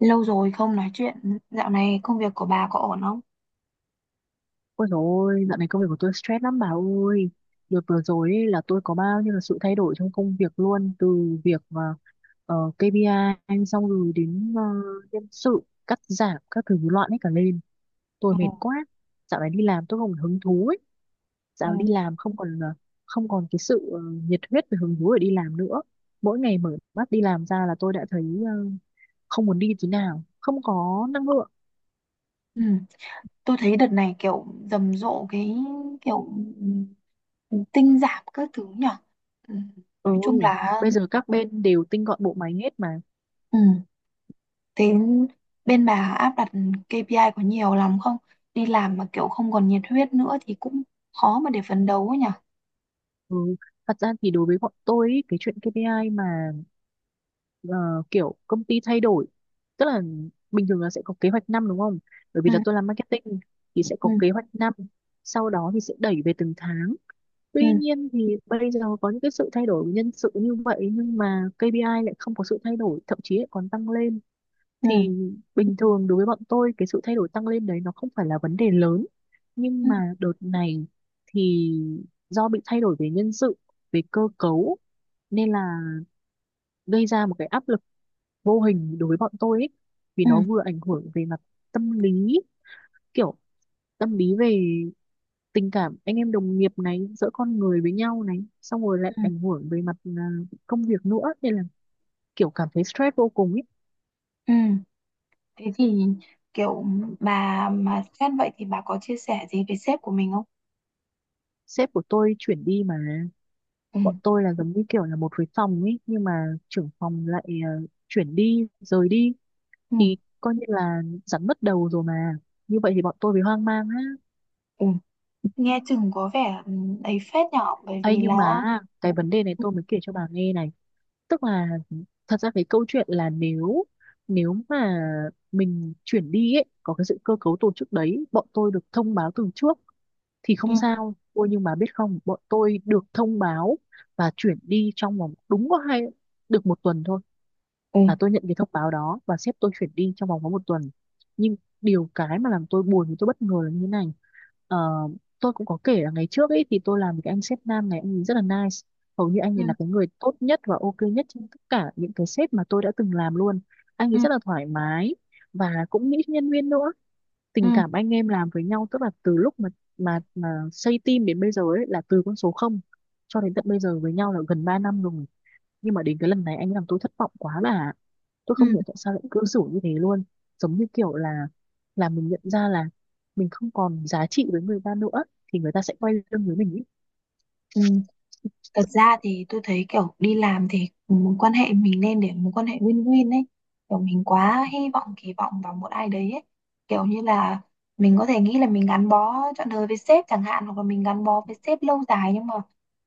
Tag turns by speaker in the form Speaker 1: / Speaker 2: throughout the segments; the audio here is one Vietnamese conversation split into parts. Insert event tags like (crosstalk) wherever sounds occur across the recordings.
Speaker 1: Lâu rồi không nói chuyện, dạo này công việc của bà có ổn không?
Speaker 2: Ôi dồi ôi, dạo này công việc của tôi stress lắm bà ơi. Đợt vừa rồi ấy, là tôi có bao nhiêu là sự thay đổi trong công việc luôn. Từ việc KPI xong rồi đến nhân sự, cắt giảm, các thứ loạn hết cả lên. Tôi
Speaker 1: Ừ,
Speaker 2: mệt quá. Dạo này đi làm tôi không còn hứng thú ấy. Dạo
Speaker 1: ừ.
Speaker 2: này đi làm không còn cái sự nhiệt huyết và hứng thú để đi làm nữa. Mỗi ngày mở mắt đi làm ra là tôi đã thấy không muốn đi tí nào. Không có năng lượng.
Speaker 1: Ừ, tôi thấy đợt này kiểu rầm rộ cái kiểu ừ, tinh giảm các thứ nhở. Ừ,
Speaker 2: Ừ,
Speaker 1: nói chung là,
Speaker 2: bây giờ các bên đều tinh gọn bộ máy hết mà.
Speaker 1: ừ, thế bên bà áp đặt KPI có nhiều lắm không? Đi làm mà kiểu không còn nhiệt huyết nữa thì cũng khó mà để phấn đấu ấy nhở.
Speaker 2: Ừ. Thật ra thì đối với bọn tôi ý, cái chuyện KPI mà ờ, kiểu công ty thay đổi, tức là bình thường là sẽ có kế hoạch năm đúng không? Bởi vì
Speaker 1: Ừ,
Speaker 2: là tôi làm marketing thì sẽ có
Speaker 1: ừ,
Speaker 2: kế hoạch năm, sau đó thì sẽ đẩy về từng tháng.
Speaker 1: ừ,
Speaker 2: Tuy nhiên thì bây giờ có những cái sự thay đổi nhân sự như vậy nhưng mà KPI lại không có sự thay đổi, thậm chí lại còn tăng lên.
Speaker 1: ừ,
Speaker 2: Thì bình thường đối với bọn tôi cái sự thay đổi tăng lên đấy nó không phải là vấn đề lớn,
Speaker 1: ừ,
Speaker 2: nhưng mà đợt này thì do bị thay đổi về nhân sự, về cơ cấu, nên là gây ra một cái áp lực vô hình đối với bọn tôi ấy, vì
Speaker 1: ừ,
Speaker 2: nó vừa ảnh hưởng về mặt tâm lý, kiểu tâm lý về tình cảm anh em đồng nghiệp này, giữa con người với nhau này, xong rồi lại
Speaker 1: ừ.
Speaker 2: ảnh hưởng về mặt công việc nữa, nên là kiểu cảm thấy stress vô cùng ấy.
Speaker 1: Ừ. Thế thì kiểu bà mà xét vậy thì bà có chia sẻ gì với sếp của mình không?
Speaker 2: Sếp của tôi chuyển đi mà.
Speaker 1: Ừ.
Speaker 2: Bọn tôi là giống như kiểu là một cái phòng ấy nhưng mà trưởng phòng lại chuyển đi, rời đi,
Speaker 1: Ừ,
Speaker 2: thì coi như là rắn mất đầu rồi mà. Như vậy thì bọn tôi bị hoang mang á.
Speaker 1: ừ, nghe chừng có vẻ, ấy phết nhở, bởi
Speaker 2: Ấy
Speaker 1: vì là
Speaker 2: nhưng mà cái vấn đề này tôi mới kể cho bà nghe này, tức là thật ra cái câu chuyện là nếu nếu mà mình chuyển đi ấy, có cái sự cơ cấu tổ chức đấy bọn tôi được thông báo từ trước thì
Speaker 1: ừ,
Speaker 2: không sao ôi, nhưng mà biết không, bọn tôi được thông báo và chuyển đi trong vòng đúng có được một tuần thôi,
Speaker 1: ừ,
Speaker 2: là tôi nhận cái thông báo đó và sếp tôi chuyển đi trong vòng có một tuần. Nhưng điều cái mà làm tôi buồn thì tôi bất ngờ là như thế này. Ờ, tôi cũng có kể là ngày trước ấy thì tôi làm với cái anh sếp nam này, anh ấy rất là nice, hầu như anh
Speaker 1: ừ,
Speaker 2: ấy là cái người tốt nhất và ok nhất trong tất cả những cái sếp mà tôi đã từng làm luôn. Anh
Speaker 1: ừ,
Speaker 2: ấy rất là thoải mái và cũng nghĩ cho nhân viên nữa.
Speaker 1: ừ,
Speaker 2: Tình cảm anh em làm với nhau, tức là từ lúc mà xây team đến bây giờ ấy, là từ con số không cho đến tận bây giờ, với nhau là gần 3 năm rồi. Nhưng mà đến cái lần này anh làm tôi thất vọng quá, là tôi không
Speaker 1: ừ.
Speaker 2: hiểu tại sao lại cư xử như thế luôn. Giống như kiểu là mình nhận ra là mình không còn giá trị với người ta nữa thì người ta sẽ quay lưng với mình ý.
Speaker 1: Ừ. Thật ra thì tôi thấy kiểu đi làm thì mối quan hệ mình nên để mối quan hệ win-win ấy, kiểu mình quá hy vọng kỳ vọng vào một ai đấy ấy. Kiểu như là mình có thể nghĩ là mình gắn bó trọn đời với sếp chẳng hạn, hoặc là mình gắn bó với sếp lâu dài, nhưng mà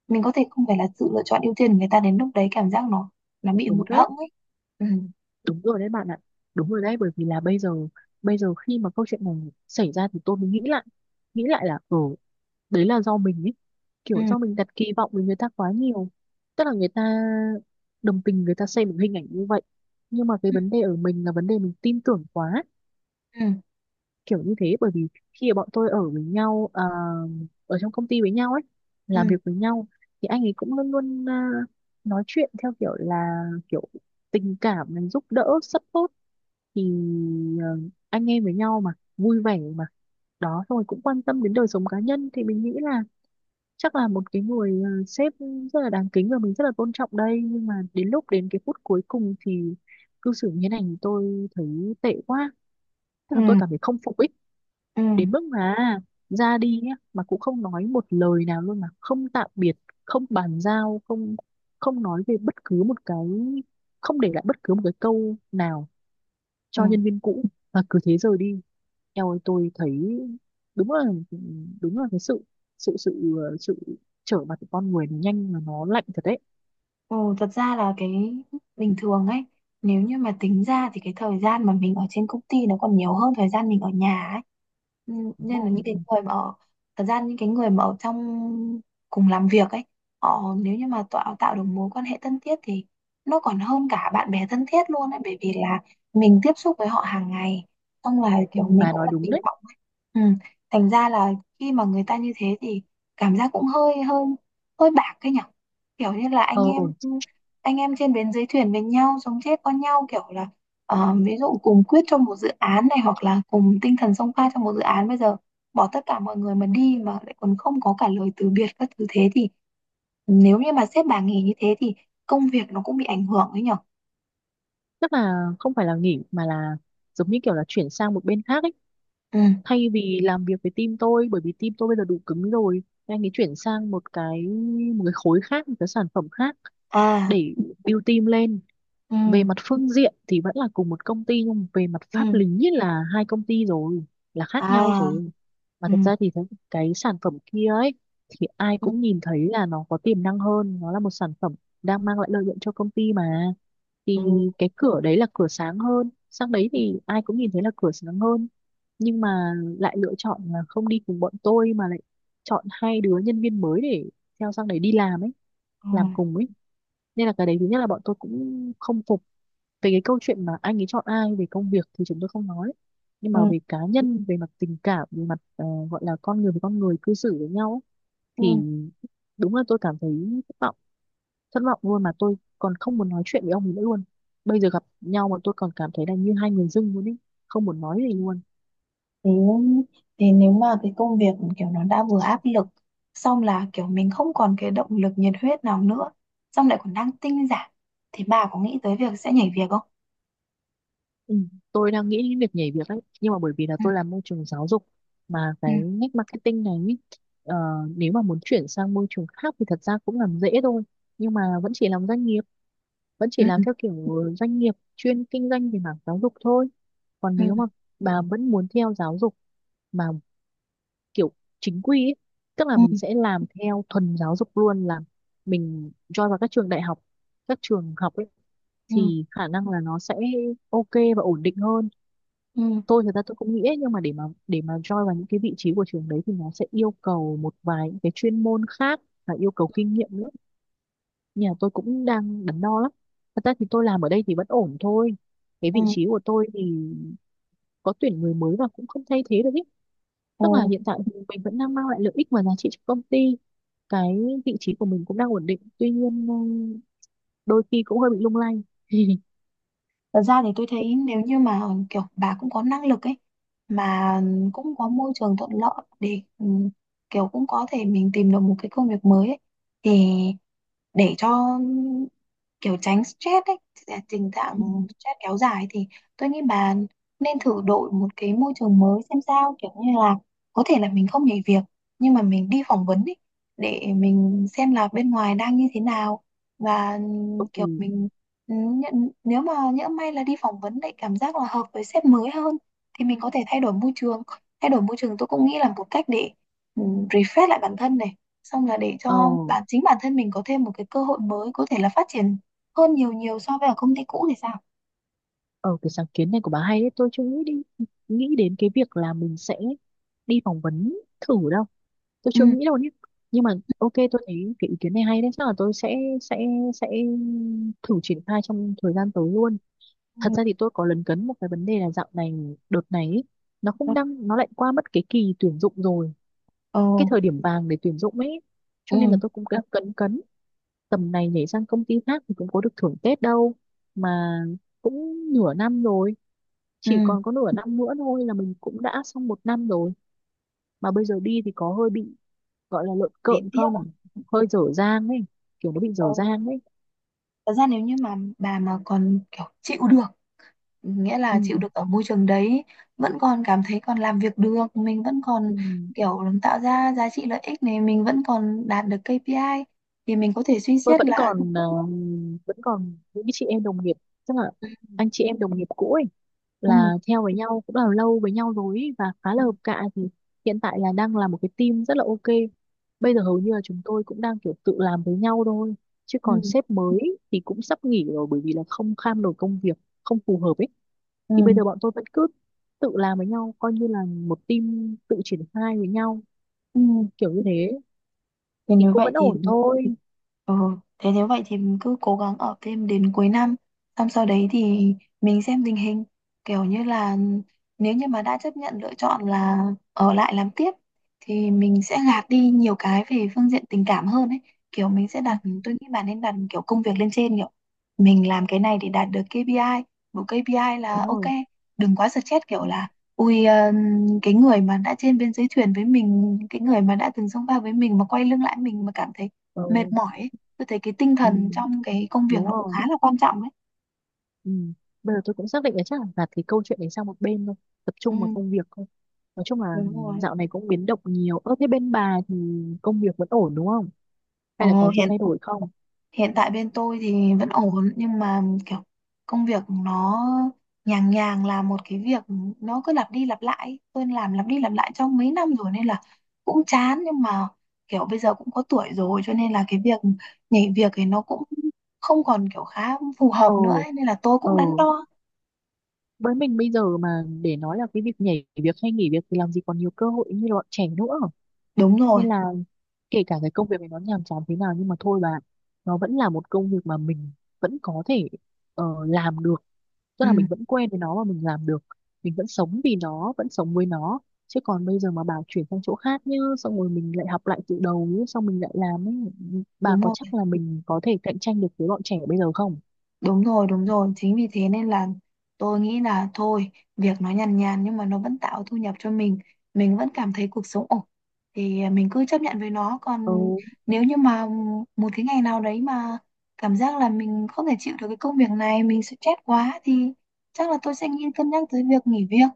Speaker 1: mình có thể không phải là sự lựa chọn ưu tiên của người ta, đến lúc đấy cảm giác nó bị
Speaker 2: Đúng
Speaker 1: hụt
Speaker 2: đấy.
Speaker 1: hẫng ấy. Ừ,
Speaker 2: Đúng rồi đấy bạn ạ. Đúng rồi đấy, bởi vì là bây giờ khi mà câu chuyện này xảy ra thì tôi mới nghĩ lại là đấy là do mình ý,
Speaker 1: ừ,
Speaker 2: kiểu do mình đặt kỳ vọng với người ta quá nhiều. Tức là người ta đồng tình, người ta xem một hình ảnh như vậy, nhưng mà cái
Speaker 1: ừ,
Speaker 2: vấn đề ở mình là vấn đề mình tin tưởng quá,
Speaker 1: ừ,
Speaker 2: kiểu như thế. Bởi vì khi mà bọn tôi ở với nhau ở trong công ty với nhau ấy,
Speaker 1: ừ,
Speaker 2: làm việc với nhau, thì anh ấy cũng luôn luôn nói chuyện theo kiểu là, kiểu tình cảm, mình giúp đỡ support thì ờ, anh em với nhau mà, vui vẻ mà, đó xong rồi cũng quan tâm đến đời sống cá nhân, thì mình nghĩ là chắc là một cái người sếp rất là đáng kính và mình rất là tôn trọng đây. Nhưng mà đến lúc, đến cái phút cuối cùng thì cư xử như thế này thì tôi thấy tệ quá, tức là tôi
Speaker 1: ừ.
Speaker 2: cảm thấy không phục ý.
Speaker 1: Ừ.
Speaker 2: Đến mức mà ra đi nhá mà cũng không nói một lời nào luôn, mà không tạm biệt, không bàn giao, không không nói về bất cứ một cái, không để lại bất cứ một cái câu nào
Speaker 1: Ừ.
Speaker 2: cho nhân viên cũ, mà cứ thế rời đi. Eo ơi tôi thấy đúng là, đúng là cái sự sự sự ờ, sự trở mặt của con người nó nhanh mà nó lạnh thật đấy.
Speaker 1: Ồ, thật ra là cái bình thường ấy, nếu như mà tính ra thì cái thời gian mà mình ở trên công ty nó còn nhiều hơn thời gian mình ở nhà ấy. Ừ,
Speaker 2: Đúng
Speaker 1: nên là những cái
Speaker 2: rồi.
Speaker 1: người mà ở, thật ra những cái người mà ở trong cùng làm việc ấy, họ nếu như mà tạo tạo được mối quan hệ thân thiết thì nó còn hơn cả bạn bè thân thiết luôn ấy, bởi vì là mình tiếp xúc với họ hàng ngày, xong là
Speaker 2: Ừ,
Speaker 1: kiểu mình
Speaker 2: bà
Speaker 1: cũng
Speaker 2: nói
Speaker 1: đặt
Speaker 2: đúng
Speaker 1: kỳ
Speaker 2: đấy.
Speaker 1: vọng ấy. Ừ. Thành ra là khi mà người ta như thế thì cảm giác cũng hơi hơi hơi bạc cái nhở, kiểu như là
Speaker 2: Ờ
Speaker 1: anh em trên bến dưới thuyền với nhau, sống chết con nhau kiểu là, ờ, ví dụ cùng quyết cho một dự án này, hoặc là cùng tinh thần xông pha cho một dự án, bây giờ bỏ tất cả mọi người mà đi mà lại còn không có cả lời từ biệt các thứ, thế thì nếu như mà sếp bà nghỉ như thế thì công việc nó cũng bị ảnh hưởng đấy nhở.
Speaker 2: tức là không phải là nghỉ mà là giống như kiểu là chuyển sang một bên khác ấy,
Speaker 1: Ừ,
Speaker 2: thay vì làm việc với team tôi, bởi vì team tôi bây giờ đủ cứng rồi, anh ấy chuyển sang một cái khối khác, một cái sản phẩm khác
Speaker 1: à,
Speaker 2: để build team lên.
Speaker 1: ừ,
Speaker 2: Về mặt phương diện thì vẫn là cùng một công ty nhưng về mặt pháp
Speaker 1: ừ,
Speaker 2: lý là hai công ty rồi, là khác nhau
Speaker 1: à,
Speaker 2: rồi. Mà
Speaker 1: ừ,
Speaker 2: thật ra thì cái sản phẩm kia ấy, thì ai
Speaker 1: ừ,
Speaker 2: cũng nhìn thấy là nó có tiềm năng hơn, nó là một sản phẩm đang mang lại lợi nhuận cho công ty mà, thì
Speaker 1: ừ,
Speaker 2: cái cửa đấy là cửa sáng hơn, sang đấy thì ai cũng nhìn thấy là cửa sáng hơn, nhưng mà lại lựa chọn là không đi cùng bọn tôi mà lại chọn hai đứa nhân viên mới để theo sang đấy đi làm ấy, làm cùng ấy. Nên là cái đấy thứ nhất là bọn tôi cũng không phục, về cái câu chuyện mà anh ấy chọn ai về công việc thì chúng tôi không nói, nhưng
Speaker 1: ừ,
Speaker 2: mà về cá nhân, về mặt tình cảm, về mặt gọi là con người với con người cư xử với nhau ấy, thì
Speaker 1: ừ.
Speaker 2: đúng là tôi cảm thấy thất vọng. Thất vọng luôn mà tôi còn không muốn nói chuyện với ông ấy nữa luôn. Bây giờ gặp nhau mà tôi còn cảm thấy là như hai người dưng luôn ý, không muốn nói gì luôn.
Speaker 1: Thế, thế nếu mà cái công việc kiểu nó đã vừa áp lực, xong là kiểu mình không còn cái động lực nhiệt huyết nào nữa, xong lại còn đang tinh giản, thì bà có nghĩ tới việc sẽ nhảy việc không?
Speaker 2: Ừ, tôi đang nghĩ đến việc nhảy việc đấy, nhưng mà bởi vì là tôi làm môi trường giáo dục mà
Speaker 1: Ừ,
Speaker 2: cái ngách marketing này ý, ờ, nếu mà muốn chuyển sang môi trường khác thì thật ra cũng làm dễ thôi, nhưng mà vẫn chỉ làm doanh nghiệp, vẫn chỉ
Speaker 1: ừ,
Speaker 2: làm
Speaker 1: ừ,
Speaker 2: theo kiểu doanh nghiệp chuyên kinh doanh về mảng giáo dục thôi. Còn
Speaker 1: ừ.
Speaker 2: nếu mà bà vẫn muốn theo giáo dục mà kiểu chính quy ý, tức là
Speaker 1: Ừ,
Speaker 2: mình sẽ làm theo thuần giáo dục luôn, là mình join vào các trường đại học, các trường học ấy,
Speaker 1: ừ,
Speaker 2: thì khả năng là nó sẽ ok và ổn định hơn.
Speaker 1: ừ,
Speaker 2: Tôi thực ra tôi cũng nghĩ ấy, nhưng mà để mà join vào những cái vị trí của trường đấy thì nó sẽ yêu cầu một vài những cái chuyên môn khác và yêu cầu kinh nghiệm nữa. Nhà tôi cũng đang đắn đo lắm. Thật ra thì tôi làm ở đây thì vẫn ổn thôi, cái
Speaker 1: ừ.
Speaker 2: vị trí của tôi thì có tuyển người mới và cũng không thay thế được ý.
Speaker 1: Ừ.
Speaker 2: Tức là hiện tại thì mình vẫn đang mang lại lợi ích và giá trị cho công ty, cái vị trí của mình cũng đang ổn định, tuy nhiên đôi khi cũng hơi bị lung lay. (laughs)
Speaker 1: Thật ra thì tôi thấy nếu như mà kiểu bà cũng có năng lực ấy, mà cũng có môi trường thuận lợi để, kiểu cũng có thể mình tìm được một cái công việc mới ấy, thì để cho kiểu tránh stress ấy, tình trạng stress kéo dài thì tôi nghĩ bà nên thử đổi một cái môi trường mới xem sao, kiểu như là có thể là mình không nhảy việc, nhưng mà mình đi phỏng vấn ấy, để mình xem là bên ngoài đang như thế nào, và kiểu
Speaker 2: Ừ.
Speaker 1: mình, nhận nếu mà nhỡ may là đi phỏng vấn lại cảm giác là hợp với sếp mới hơn thì mình có thể thay đổi môi trường. Thay đổi môi trường tôi cũng nghĩ là một cách để, ừ, refresh lại bản thân này, xong là để
Speaker 2: Ờ.
Speaker 1: cho chính bản thân mình có thêm một cái cơ hội mới, có thể là phát triển hơn nhiều nhiều so với ở công ty cũ thì sao.
Speaker 2: Ờ, cái sáng kiến này của bà hay đấy, tôi chưa nghĩ đến cái việc là mình sẽ đi phỏng vấn thử đâu. Tôi
Speaker 1: Ừ,
Speaker 2: chưa nghĩ đâu nhé. Nhưng mà ok, tôi thấy cái ý kiến này hay đấy, chắc là tôi sẽ thử triển khai trong thời gian tới luôn. Thật
Speaker 1: ừ,
Speaker 2: ra thì tôi có lấn cấn một cái vấn đề là dạo này đợt này ấy, nó không
Speaker 1: ừ,
Speaker 2: đang nó lại qua mất cái kỳ tuyển dụng rồi,
Speaker 1: ừ,
Speaker 2: cái thời điểm vàng để tuyển dụng ấy. Cho
Speaker 1: ừ,
Speaker 2: nên là tôi cũng đang cấn cấn, tầm này nhảy sang công ty khác thì cũng có được thưởng Tết đâu, mà cũng nửa năm rồi, chỉ
Speaker 1: ừ.
Speaker 2: còn có nửa năm nữa thôi là mình cũng đã xong một năm rồi. Mà bây giờ đi thì có hơi bị gọi là lợn
Speaker 1: Lý
Speaker 2: cợn
Speaker 1: tiếc à.
Speaker 2: không, hơi dở dang ấy, kiểu nó bị
Speaker 1: Ừ.
Speaker 2: dở dang ấy.
Speaker 1: Thật ra nếu như mà bà mà còn kiểu chịu được, nghĩa
Speaker 2: Ừ.
Speaker 1: là chịu được ở môi trường đấy, vẫn còn cảm thấy còn làm việc được, mình vẫn còn
Speaker 2: Ừ.
Speaker 1: kiểu tạo ra giá trị lợi ích này, mình vẫn còn đạt được KPI, thì mình có thể suy
Speaker 2: Tôi
Speaker 1: xét
Speaker 2: vẫn
Speaker 1: là,
Speaker 2: còn vẫn còn những cái chị em đồng nghiệp, tức là
Speaker 1: ừ,
Speaker 2: anh chị em đồng nghiệp cũ ấy,
Speaker 1: ừ,
Speaker 2: là theo với nhau cũng là lâu với nhau rồi ấy, và khá
Speaker 1: ừ,
Speaker 2: là hợp cạ. Thì hiện tại là đang là một cái team rất là ok, bây giờ hầu như là chúng tôi cũng đang kiểu tự làm với nhau thôi, chứ
Speaker 1: ừ,
Speaker 2: còn sếp mới thì cũng sắp nghỉ rồi bởi vì là không kham nổi công việc, không phù hợp ấy.
Speaker 1: ừ.
Speaker 2: Thì bây giờ bọn tôi vẫn cứ tự làm với nhau, coi như là một team tự triển khai với nhau,
Speaker 1: Ừ.
Speaker 2: kiểu như thế
Speaker 1: Thì
Speaker 2: thì
Speaker 1: nếu
Speaker 2: cũng
Speaker 1: vậy
Speaker 2: vẫn
Speaker 1: thì,
Speaker 2: ổn thôi.
Speaker 1: ừ, thế nếu vậy thì mình cứ cố gắng ở phim đến cuối năm, xong sau đấy thì mình xem tình hình, kiểu như là nếu như mà đã chấp nhận lựa chọn là ở lại làm tiếp, thì mình sẽ gạt đi nhiều cái về phương diện tình cảm hơn ấy, kiểu mình sẽ đặt,
Speaker 2: (laughs)
Speaker 1: tôi nghĩ bạn nên đặt kiểu công việc lên trên, kiểu mình làm cái này để đạt được KPI
Speaker 2: Ừ,
Speaker 1: là
Speaker 2: đúng
Speaker 1: ok,
Speaker 2: rồi.
Speaker 1: đừng quá stress kiểu
Speaker 2: Ừ.
Speaker 1: là, ui, cái người mà đã trên bên dưới thuyền với mình, cái người mà đã từng xông pha với mình mà quay lưng lại mình mà cảm thấy
Speaker 2: Ờ.
Speaker 1: mệt mỏi ấy, tôi thấy cái tinh
Speaker 2: Ừ.
Speaker 1: thần trong cái công việc
Speaker 2: Đúng
Speaker 1: nó cũng
Speaker 2: rồi.
Speaker 1: khá là quan trọng đấy.
Speaker 2: Ừ. Bây giờ tôi cũng xác định là chắc là gạt cái câu chuyện đấy sang một bên thôi, tập
Speaker 1: Ừ,
Speaker 2: trung vào công việc thôi. Nói chung là
Speaker 1: Đúng rồi.
Speaker 2: dạo này cũng biến động nhiều, ơ thế bên bà thì công việc vẫn ổn đúng không, hay là
Speaker 1: Ồ,
Speaker 2: có gì
Speaker 1: hiện
Speaker 2: thay đổi không?
Speaker 1: hiện tại bên tôi thì vẫn ổn, nhưng mà kiểu công việc nó nhàng nhàng là một cái việc, nó cứ lặp đi lặp lại, tôi làm lặp đi lặp lại trong mấy năm rồi nên là cũng chán, nhưng mà kiểu bây giờ cũng có tuổi rồi, cho nên là cái việc nhảy việc thì nó cũng không còn kiểu khá phù
Speaker 2: Ờ.
Speaker 1: hợp nữa ấy, nên là tôi
Speaker 2: Ờ.
Speaker 1: cũng đắn đo.
Speaker 2: Với mình bây giờ mà để nói là cái việc nhảy việc hay nghỉ việc thì làm gì còn nhiều cơ hội như bọn trẻ nữa.
Speaker 1: Đúng rồi,
Speaker 2: Nên là kể cả cái công việc này nó nhàm chán thế nào nhưng mà thôi bà, nó vẫn là một công việc mà mình vẫn có thể làm được, tức
Speaker 1: ừ,
Speaker 2: là mình vẫn quen với nó và mình làm được, mình vẫn sống vì nó, vẫn sống với nó. Chứ còn bây giờ mà bảo chuyển sang chỗ khác nhá, xong rồi mình lại học lại từ đầu nhá, xong mình lại làm ấy, bà
Speaker 1: đúng
Speaker 2: có
Speaker 1: rồi.
Speaker 2: chắc là mình có thể cạnh tranh được với bọn trẻ bây giờ không?
Speaker 1: Đúng rồi, đúng rồi. Chính vì thế nên là tôi nghĩ là thôi, việc nó nhàn nhàn nhưng mà nó vẫn tạo thu nhập cho mình. Mình vẫn cảm thấy cuộc sống ổn. Thì à, mình cứ chấp nhận với nó.
Speaker 2: Ừ.
Speaker 1: Còn nếu như mà một cái ngày nào đấy mà cảm giác là mình không thể chịu được cái công việc này, mình sẽ chết quá, thì chắc là tôi sẽ nghĩ cân nhắc tới việc nghỉ việc.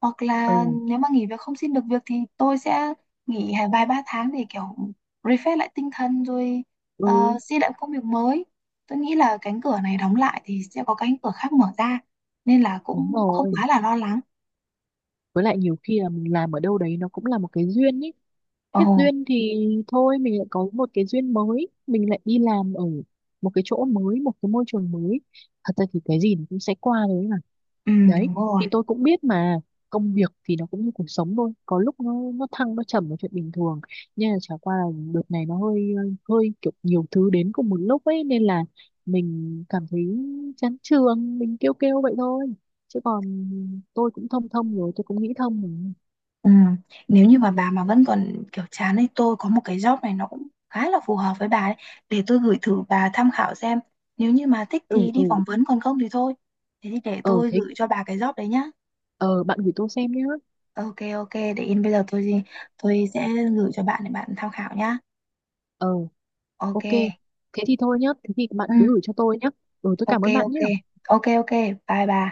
Speaker 1: Hoặc
Speaker 2: Ừ.
Speaker 1: là nếu mà nghỉ việc không xin được việc thì tôi sẽ nghỉ vài ba tháng để kiểu refresh lại tinh thần rồi,
Speaker 2: Ừ.
Speaker 1: xin lại công việc mới. Tôi nghĩ là cánh cửa này đóng lại thì sẽ có cánh cửa khác mở ra, nên là
Speaker 2: Đúng
Speaker 1: cũng không
Speaker 2: rồi.
Speaker 1: quá là lo lắng.
Speaker 2: Với lại nhiều khi là mình làm ở đâu đấy nó cũng là một cái duyên ấy,
Speaker 1: Ồ,
Speaker 2: hết duyên thì thôi mình lại có một cái duyên mới, mình lại đi làm ở một cái chỗ mới, một cái môi trường mới. Thật ra thì cái gì nó cũng sẽ qua thôi.
Speaker 1: ừ,
Speaker 2: Đấy,
Speaker 1: đúng rồi,
Speaker 2: thì tôi cũng biết mà, công việc thì nó cũng như cuộc sống thôi, có lúc nó thăng nó trầm là chuyện bình thường. Nhưng mà chả qua là đợt này nó hơi hơi kiểu nhiều thứ đến cùng một lúc ấy, nên là mình cảm thấy chán trường, mình kêu kêu vậy thôi. Chứ còn tôi cũng thông thông rồi, tôi cũng nghĩ thông rồi.
Speaker 1: ừ. Nếu như mà bà mà vẫn còn kiểu chán ấy, tôi có một cái job này nó cũng khá là phù hợp với bà ấy, để tôi gửi thử bà tham khảo xem, nếu như mà thích
Speaker 2: Ừ
Speaker 1: thì đi
Speaker 2: ừ,
Speaker 1: phỏng vấn, còn không thì thôi. Thế thì để
Speaker 2: ờ
Speaker 1: tôi
Speaker 2: thế
Speaker 1: gửi cho bà cái job đấy nhá.
Speaker 2: ờ bạn gửi tôi xem nhé.
Speaker 1: Ok, ok, để yên bây giờ tôi sẽ gửi cho bạn để bạn tham khảo nhá.
Speaker 2: Ờ
Speaker 1: Ok.
Speaker 2: ok. Thế thì thôi nhá, thế thì bạn
Speaker 1: Ừ.
Speaker 2: cứ gửi cho tôi nhá. Ừ tôi
Speaker 1: Ok,
Speaker 2: cảm ơn bạn
Speaker 1: ok,
Speaker 2: nhé.
Speaker 1: ok, ok. Bye bà.